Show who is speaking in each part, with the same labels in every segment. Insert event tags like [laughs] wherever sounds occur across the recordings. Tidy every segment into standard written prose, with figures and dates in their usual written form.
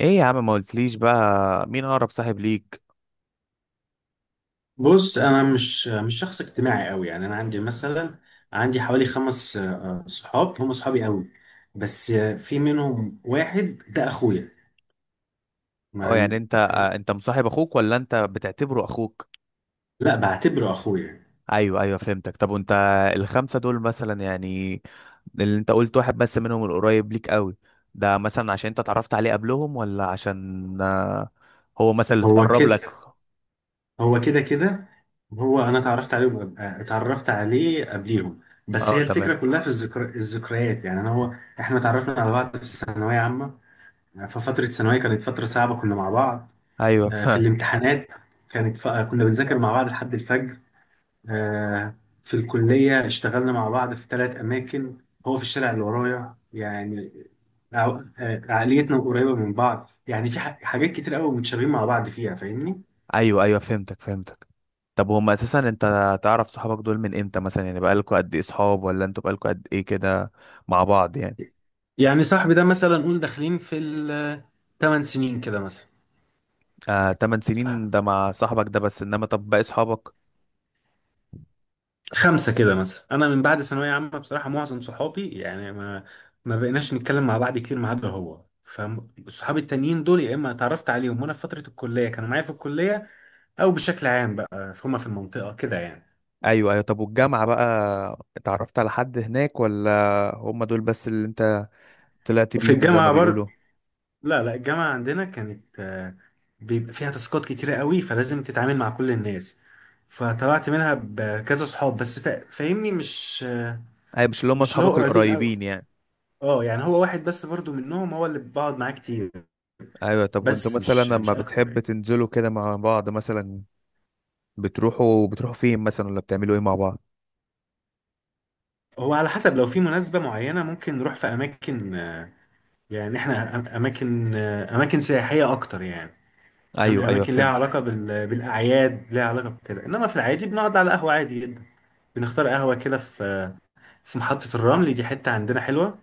Speaker 1: ايه يا عم، ما قلتليش بقى مين اقرب صاحب ليك؟
Speaker 2: بص، انا مش شخص اجتماعي قوي، يعني انا عندي مثلا عندي حوالي خمس صحاب هم صحابي قوي. بس في منهم واحد ده اخويا
Speaker 1: اه،
Speaker 2: مع.
Speaker 1: يعني انت
Speaker 2: فاهم؟
Speaker 1: انت مصاحب اخوك ولا انت بتعتبره اخوك؟
Speaker 2: لا، بعتبره اخويا.
Speaker 1: ايوه، ايوه، فهمتك. طب وانت، الخمسه دول مثلا، يعني اللي انت قلت واحد بس منهم القريب ليك قوي، ده مثلا عشان انت اتعرفت عليه قبلهم، ولا عشان هو مثلا اللي
Speaker 2: هو
Speaker 1: اتقرب لك؟
Speaker 2: كده. هو كده كده. هو انا اتعرفت عليه، اتعرفت عليه قبليهم. بس
Speaker 1: اه،
Speaker 2: هي الفكره
Speaker 1: تمام.
Speaker 2: كلها في الذكريات، يعني انا هو احنا اتعرفنا على بعض في الثانويه عامه. ففتره ثانويه كانت فتره صعبه، كنا مع بعض
Speaker 1: ايوه [laughs]
Speaker 2: في
Speaker 1: فعلا.
Speaker 2: الامتحانات. كنا بنذاكر مع بعض لحد الفجر. في الكلية اشتغلنا مع بعض في ثلاث أماكن. هو في الشارع اللي ورايا يعني. عقليتنا قريبة من بعض، يعني في حاجات كتير قوي متشابهين مع بعض فيها. فاهمني؟
Speaker 1: ايوه، ايوه، فهمتك، فهمتك. طب، هم اساسا انت تعرف صحابك دول من امتى مثلا؟ يعني بقالكوا قد ايه صحاب، ولا انتوا بقالكوا قد ايه كده مع بعض يعني؟
Speaker 2: يعني صاحبي ده مثلا نقول داخلين في ال 8 سنين كده مثلا.
Speaker 1: آه، 8 سنين
Speaker 2: صح.
Speaker 1: ده مع صاحبك ده، بس انما طب باقي صحابك؟
Speaker 2: خمسة كده مثلا، أنا من بعد ثانوية عامة بصراحة معظم صحابي يعني ما بقيناش نتكلم مع بعض كتير ما عدا هو. فصحابي التانيين دول يا إما اتعرفت عليهم وأنا في فترة الكلية كانوا معايا في الكلية، او بشكل عام بقى هما في المنطقه كده يعني.
Speaker 1: ايوه، ايوه. طب والجامعة بقى اتعرفت على حد هناك، ولا هم دول بس اللي انت طلعت
Speaker 2: وفي
Speaker 1: بيهم زي ما
Speaker 2: الجامعه
Speaker 1: بيقولوا؟
Speaker 2: لا، لا، الجامعه عندنا كانت بيبقى فيها تاسكات كتيره قوي فلازم تتعامل مع كل الناس. فطلعت منها بكذا صحاب بس فاهمني، مش
Speaker 1: ايوه، مش اللي هم
Speaker 2: مش اللي هو
Speaker 1: اصحابك
Speaker 2: قريبين قوي.
Speaker 1: القريبين يعني.
Speaker 2: اه يعني هو واحد بس برضو منهم، هو اللي بقعد معاه كتير
Speaker 1: ايوه. طب وانتوا
Speaker 2: بس مش
Speaker 1: مثلا لما
Speaker 2: مش اكتر
Speaker 1: بتحب
Speaker 2: يعني.
Speaker 1: تنزلوا كده مع بعض مثلا، بتروحوا فين مثلا، ولا بتعملوا ايه مع بعض؟
Speaker 2: هو على حسب، لو في مناسبة معينة ممكن نروح في أماكن، يعني إحنا أماكن أماكن سياحية أكتر يعني. فاهم،
Speaker 1: ايوه، ايوه،
Speaker 2: اماكن ليها
Speaker 1: فهمت.
Speaker 2: علاقه بالاعياد، ليها علاقه بكده، انما في العادي بنقعد على قهوه عادي جدا. بنختار قهوه كده في محطه الرمل، دي حته عندنا حلوه.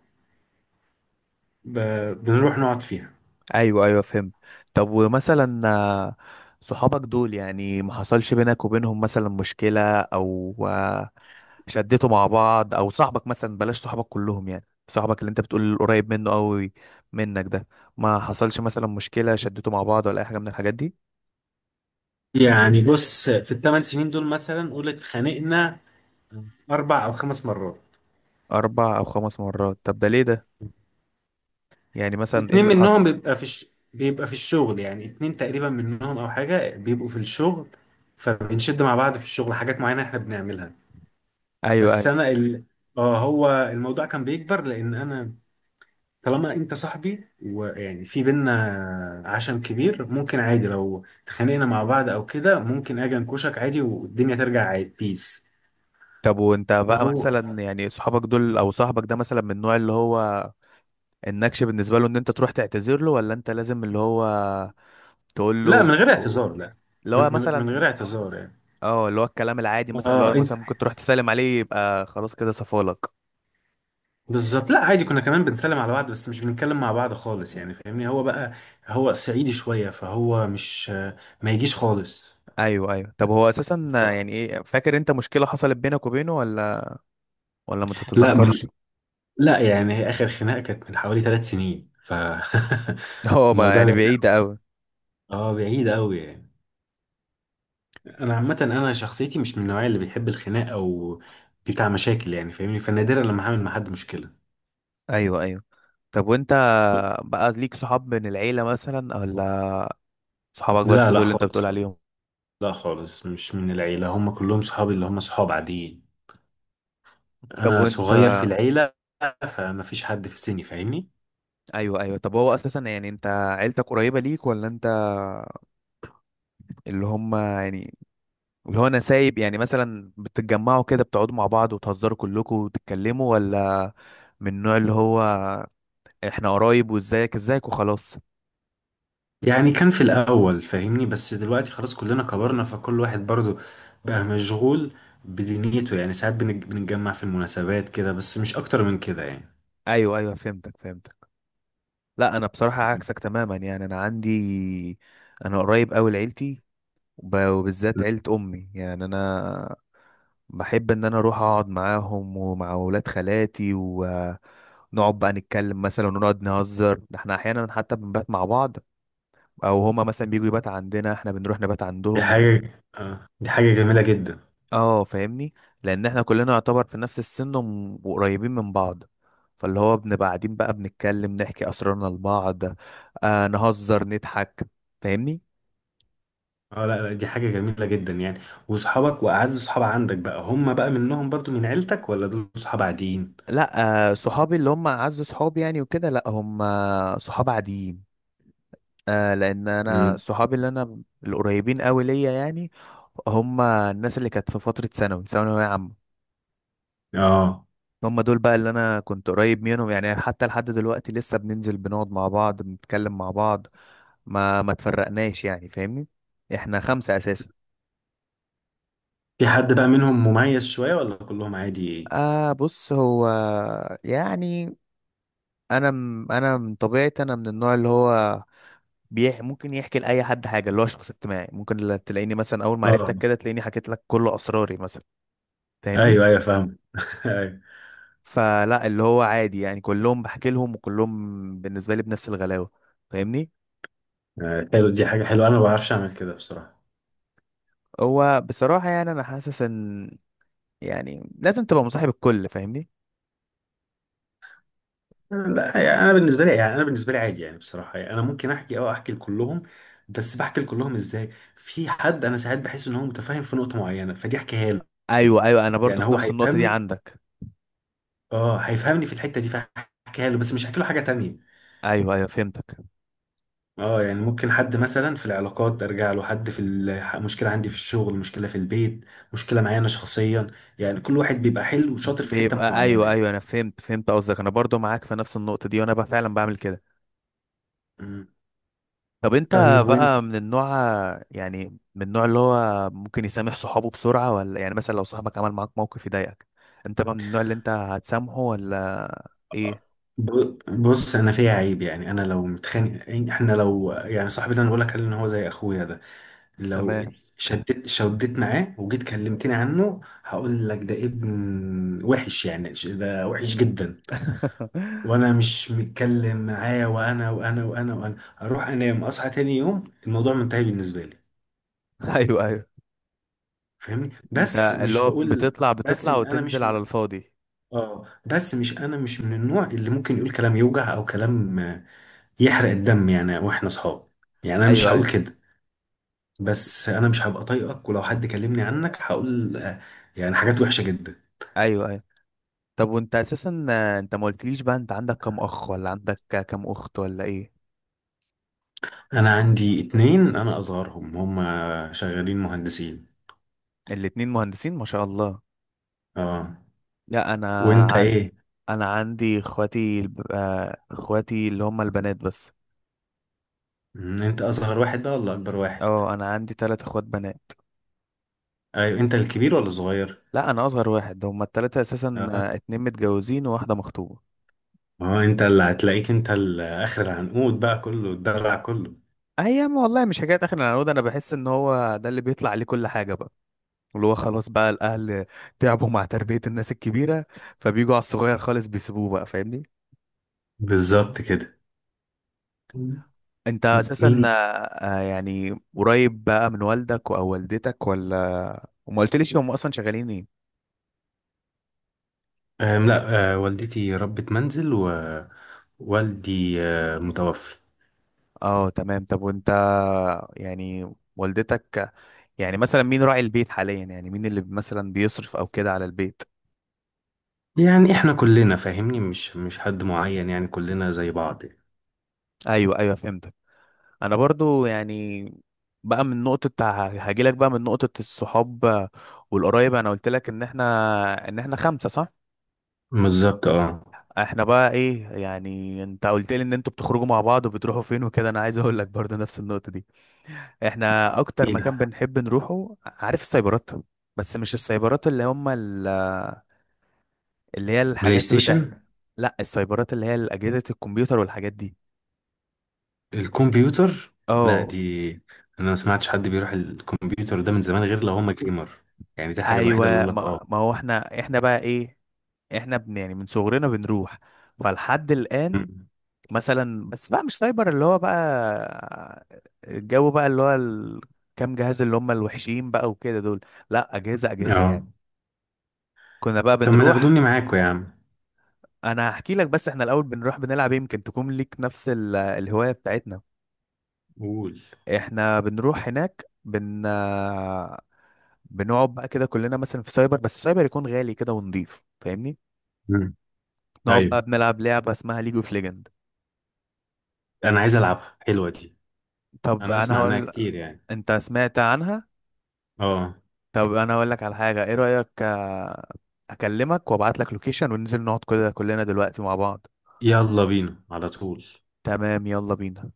Speaker 2: ب... بنروح نقعد فيها.
Speaker 1: ايوه، ايوه، فهمت. طب ومثلا صحابك دول يعني، ما حصلش بينك وبينهم مثلا مشكلة او شدتوا مع بعض؟ او صاحبك مثلا، بلاش صحابك كلهم، يعني صاحبك اللي انت بتقول قريب منه قوي منك ده، ما حصلش مثلا مشكلة شدتوا مع بعض ولا اي حاجة من الحاجات دي؟
Speaker 2: يعني بص، في الثمان سنين دول مثلا قول اتخانقنا اربع او خمس مرات.
Speaker 1: اربع او خمس مرات؟ طب ده ليه ده، يعني مثلا ايه
Speaker 2: اتنين
Speaker 1: اللي حصل؟
Speaker 2: منهم بيبقى في بيبقى في الشغل، يعني اتنين تقريبا منهم او حاجه بيبقوا في الشغل. فبنشد مع بعض في الشغل، حاجات معينه احنا بنعملها.
Speaker 1: ايوه،
Speaker 2: بس
Speaker 1: ايوه.
Speaker 2: انا ال... اه هو الموضوع كان بيكبر لان انا طالما انت صاحبي ويعني في بينا عشم كبير ممكن عادي لو اتخانقنا مع بعض او كده ممكن اجي انكشك عادي والدنيا ترجع عادي. بيس.
Speaker 1: طب وانت بقى
Speaker 2: اهو.
Speaker 1: مثلا، يعني صحابك دول او صاحبك ده مثلا، من النوع اللي هو النكش بالنسبة له، ان انت تروح تعتذر له، ولا انت لازم اللي هو تقول
Speaker 2: لا، من
Speaker 1: له،
Speaker 2: غير اعتذار لا.
Speaker 1: اللي هو
Speaker 2: من
Speaker 1: مثلا،
Speaker 2: غير اعتذار يعني.
Speaker 1: اه، اللي هو الكلام العادي مثلا، اللي
Speaker 2: اه،
Speaker 1: هو
Speaker 2: انت
Speaker 1: مثلا ممكن تروح تسلم عليه يبقى خلاص كده صفالك؟
Speaker 2: بالظبط. لا عادي، كنا كمان بنسلم على بعض بس مش بنتكلم مع بعض خالص، يعني فاهمني. هو بقى هو صعيدي شوية فهو مش، ما يجيش خالص.
Speaker 1: ايوه، ايوه. طب هو اساسا،
Speaker 2: ف...
Speaker 1: يعني ايه فاكر انت مشكله حصلت بينك وبينه، ولا ولا ما
Speaker 2: لا من...
Speaker 1: تتذكرش؟
Speaker 2: لا يعني، هي اخر خناقة كانت من حوالي ثلاث سنين ف.
Speaker 1: [laughs] هو
Speaker 2: [laughs]
Speaker 1: بقى
Speaker 2: الموضوع
Speaker 1: يعني
Speaker 2: بعيد.
Speaker 1: بعيده قوي؟
Speaker 2: اه، بعيد قوي يعني. انا عامه انا شخصيتي مش من النوعيه اللي بيحب الخناق او بتاع مشاكل يعني، فاهمني. فنادرا لما هعمل مع حد مشكله.
Speaker 1: ايوه، ايوه. طب وانت بقى ليك صحاب من العيله مثلا، ولا صحابك بس
Speaker 2: لا،
Speaker 1: دول
Speaker 2: لا،
Speaker 1: اللي انت
Speaker 2: خالص،
Speaker 1: بتقول
Speaker 2: خالص.
Speaker 1: عليهم؟
Speaker 2: لا، خالص مش من العيله، هم كلهم صحابي اللي هم صحاب عاديين.
Speaker 1: طب
Speaker 2: انا
Speaker 1: وانت؟
Speaker 2: صغير في العيله، فما فيش حد في سني، فاهمني.
Speaker 1: ايوه، ايوه. طب هو اساسا، يعني انت عيلتك قريبه ليك، ولا انت اللي هم يعني، اللي هو انا سايب، يعني مثلا بتتجمعوا كده بتقعدوا مع بعض وتهزروا كلكم وتتكلموا، ولا من النوع اللي هو احنا قرايب، وازيك ازيك وخلاص؟
Speaker 2: يعني كان في الاول فاهمني، بس دلوقتي خلاص كلنا كبرنا، فكل واحد برضو بقى مشغول بدنيته، يعني ساعات بنتجمع في المناسبات كده بس مش اكتر من كده يعني.
Speaker 1: ايوه، ايوه، فهمتك، فهمتك. لا، انا بصراحة عكسك تماما، يعني انا عندي، انا قريب قوي لعيلتي، وبالذات عيلة امي. يعني انا بحب ان انا اروح اقعد معاهم ومع ولاد خالاتي، ونقعد بقى نتكلم مثلا، ونقعد نهزر، ده احنا احيانا حتى بنبات مع بعض، او هما مثلا بيجوا يبات عندنا، احنا بنروح نبات عندهم.
Speaker 2: دي حاجه جميله جدا.
Speaker 1: اه، فاهمني، لان احنا كلنا يعتبر في نفس السن، وقريبين من بعض. فاللي هو بنبقى قاعدين بقى بنتكلم، نحكي اسرارنا لبعض، نهزر، نضحك. فاهمني.
Speaker 2: اه، لا لا، دي حاجة جميلة جدا يعني. وصحابك وأعز صحاب عندك بقى هم بقى منهم برضو من عيلتك ولا دول صحاب عاديين؟
Speaker 1: لا، صحابي اللي هم اعز صحابي يعني وكده، لا، هم صحاب عاديين. لان انا
Speaker 2: امم.
Speaker 1: صحابي، اللي انا القريبين قوي ليا يعني، هم الناس اللي كانت في فترة ثانوية عامة.
Speaker 2: اه،
Speaker 1: هم دول بقى اللي انا كنت قريب منهم، يعني حتى لحد دلوقتي لسه بننزل، بنقعد مع بعض، بنتكلم مع بعض، ما تفرقناش يعني، فاهمني. احنا خمسة اساسا.
Speaker 2: في حد بقى منهم مميز شوية ولا كلهم عادي؟
Speaker 1: بص، هو يعني، انا من طبيعتي، انا من النوع اللي هو ممكن يحكي لاي حد حاجه، اللي هو شخص اجتماعي، ممكن تلاقيني مثلا، اول ما عرفتك
Speaker 2: اه،
Speaker 1: كده تلاقيني حكيت لك كل اسراري مثلا، فاهمني.
Speaker 2: ايوه، ايوه، فاهم. [laughs] ايوه.
Speaker 1: فلا، اللي هو عادي، يعني كلهم بحكي لهم، وكلهم بالنسبه لي بنفس الغلاوه، فاهمني.
Speaker 2: حلو، دي حاجة حلوة، أنا ما بعرفش أعمل كده بصراحة.
Speaker 1: هو بصراحه، يعني انا حاسس ان، يعني لازم تبقى مصاحب الكل، فاهمني.
Speaker 2: لا، يعني أنا بالنسبة لي يعني أنا بالنسبة لي عادي، يعني بصراحة يعني أنا ممكن أحكي لكلهم. بس بحكي لكلهم إزاي؟ في حد أنا ساعات بحس إن هو متفاهم في نقطة معينة فدي أحكيها له.
Speaker 1: ايوه، ايوه، انا برضو
Speaker 2: يعني
Speaker 1: في
Speaker 2: هو
Speaker 1: نفس النقطه دي
Speaker 2: هيفهمني.
Speaker 1: عندك.
Speaker 2: اه، هيفهمني في الحته دي فهحكيها له، بس مش هحكي له حاجه تانية.
Speaker 1: ايوه، ايوه، فهمتك.
Speaker 2: اه، يعني ممكن حد مثلا في العلاقات ارجع له، حد في مشكله عندي في الشغل، مشكله في البيت، مشكله معايا انا شخصيا. يعني كل واحد بيبقى حلو وشاطر في حته
Speaker 1: بيبقى،
Speaker 2: معينه
Speaker 1: ايوه،
Speaker 2: يعني.
Speaker 1: ايوه، انا فهمت قصدك، انا برضو معاك في نفس النقطه دي، وانا بقى فعلا بعمل كده.
Speaker 2: مم.
Speaker 1: طب انت
Speaker 2: طيب وانت،
Speaker 1: بقى من النوع، يعني من النوع اللي هو ممكن يسامح صحابه بسرعه، ولا يعني مثلا لو صاحبك عمل معاك موقف يضايقك، انت بقى من النوع اللي انت هتسامحه، ولا ايه؟
Speaker 2: بص انا فيا عيب، يعني انا لو متخانق يعني احنا لو، يعني صاحبي ده انا بقول لك عليه ان هو زي اخويا ده، لو
Speaker 1: تمام.
Speaker 2: شدت معاه وجيت كلمتني عنه هقول لك ده ابن وحش، يعني ده وحش جدا.
Speaker 1: [laughs]
Speaker 2: وانا مش متكلم معاه، وانا اروح انام اصحى تاني يوم الموضوع منتهي بالنسبه لي،
Speaker 1: ايوه، ايوه،
Speaker 2: فاهمني.
Speaker 1: انت
Speaker 2: بس
Speaker 1: اللي
Speaker 2: مش
Speaker 1: هو
Speaker 2: بقول،
Speaker 1: بتطلع
Speaker 2: بس
Speaker 1: بتطلع
Speaker 2: إن انا
Speaker 1: وتنزل
Speaker 2: مش من
Speaker 1: على الفاضي؟
Speaker 2: اه بس مش انا مش من النوع اللي ممكن يقول كلام يوجع او كلام، يحرق الدم يعني، واحنا اصحاب. يعني انا مش
Speaker 1: ايوه،
Speaker 2: هقول
Speaker 1: ايوه،
Speaker 2: كده. بس انا مش هبقى طايقك، ولو حد كلمني عنك هقول يعني حاجات وحشه جدا.
Speaker 1: ايوه، ايوه. طب وانت اساسا انت ما قلتليش بقى، انت عندك كام اخ ولا عندك كام اخت، ولا ايه؟
Speaker 2: انا عندي اتنين، انا اصغرهم، هما شغالين مهندسين.
Speaker 1: الاتنين مهندسين، ما شاء الله.
Speaker 2: اه.
Speaker 1: لا، انا
Speaker 2: وانت
Speaker 1: ع-
Speaker 2: ايه؟
Speaker 1: انا عندي اخواتي اخواتي اللي هم البنات بس.
Speaker 2: انت اصغر واحد بقى ولا اكبر واحد؟
Speaker 1: اه، انا عندي ثلاث اخوات بنات.
Speaker 2: ايوه، انت الكبير ولا الصغير؟
Speaker 1: لا، انا اصغر واحد، هم الثلاثه اساسا،
Speaker 2: اه.
Speaker 1: اتنين متجوزين وواحده مخطوبه.
Speaker 2: اه، انت اللي هتلاقيك انت اخر العنقود، بقى كله الدلع كله.
Speaker 1: ايام والله، مش حكايه اخر العنقود، انا بحس ان هو ده اللي بيطلع عليه كل حاجه بقى، اللي هو خلاص بقى الاهل تعبوا مع تربيه الناس الكبيره، فبيجوا على الصغير خالص بيسيبوه بقى، فاهمني.
Speaker 2: بالظبط كده. مم.
Speaker 1: انت اساسا
Speaker 2: مين؟
Speaker 1: يعني قريب بقى من والدك او والدتك، ولا؟ وما قلتليش هم اصلا شغالين ايه؟
Speaker 2: لا، والدتي ربة منزل، ووالدي متوفي.
Speaker 1: اه، تمام. طب وانت، يعني والدتك، يعني مثلا مين راعي البيت حاليا، يعني مين اللي مثلا بيصرف او كده على البيت؟
Speaker 2: يعني احنا كلنا فاهمني، مش حد معين، يعني كلنا زي بعض يعني.
Speaker 1: ايوه، ايوه، فهمتك. انا برضو يعني، بقى من نقطة، هاجيلك بقى من نقطة الصحاب والقرايب، انا قلت لك ان احنا خمسة، صح؟
Speaker 2: بالظبط اه.
Speaker 1: احنا بقى ايه، يعني انت قلت لي ان انتوا بتخرجوا مع بعض وبتروحوا فين وكده، انا عايز اقول لك برضو نفس النقطة دي. احنا اكتر
Speaker 2: ايه
Speaker 1: مكان
Speaker 2: ده؟
Speaker 1: بنحب نروحه، عارف، السايبرات. بس مش السايبرات اللي هم، اللي هي
Speaker 2: بلاي
Speaker 1: الحاجات بتاع،
Speaker 2: ستيشن؟
Speaker 1: لا، السايبرات اللي هي اجهزه الكمبيوتر والحاجات دي.
Speaker 2: الكمبيوتر. لا،
Speaker 1: اه.
Speaker 2: دي، انا ما سمعتش حد بيروح الكمبيوتر ده من زمان غير لو هم جيمر. يعني دي الحاجه الوحيده اللي
Speaker 1: ايوه،
Speaker 2: اقول لك.
Speaker 1: ما,
Speaker 2: اه.
Speaker 1: ما هو احنا بقى ايه، احنا يعني من صغرنا بنروح، فلحد الان،
Speaker 2: مم.
Speaker 1: مثلا، بس بقى مش سايبر اللي هو بقى، الجو بقى، اللي هو كام جهاز، اللي هم الوحشين بقى وكده دول. لا، اجهزه، اجهزه يعني.
Speaker 2: اه،
Speaker 1: كنا بقى
Speaker 2: طب ما
Speaker 1: بنروح.
Speaker 2: تاخدوني معاكم يا عم.
Speaker 1: انا هحكي لك، بس احنا الاول بنروح بنلعب إيه، يمكن تكون ليك نفس الهوايه بتاعتنا.
Speaker 2: قول.
Speaker 1: احنا بنروح هناك بنقعد بقى كده كلنا مثلا في سايبر، بس سايبر يكون غالي كده ونضيف، فاهمني.
Speaker 2: مم.
Speaker 1: نقعد
Speaker 2: ايوه،
Speaker 1: بقى بنلعب لعبة اسمها ليج اوف ليجند.
Speaker 2: انا عايز العبها، حلوه دي.
Speaker 1: طب
Speaker 2: انا
Speaker 1: انا
Speaker 2: اسمع عنها
Speaker 1: هقول،
Speaker 2: كتير يعني.
Speaker 1: انت سمعت عنها؟
Speaker 2: اه،
Speaker 1: طب انا هقول لك على حاجة، ايه رأيك اكلمك وابعت لك لوكيشن وننزل نقعد كده كلنا دلوقتي مع بعض؟
Speaker 2: يلا بينا على طول.
Speaker 1: تمام، يلا بينا.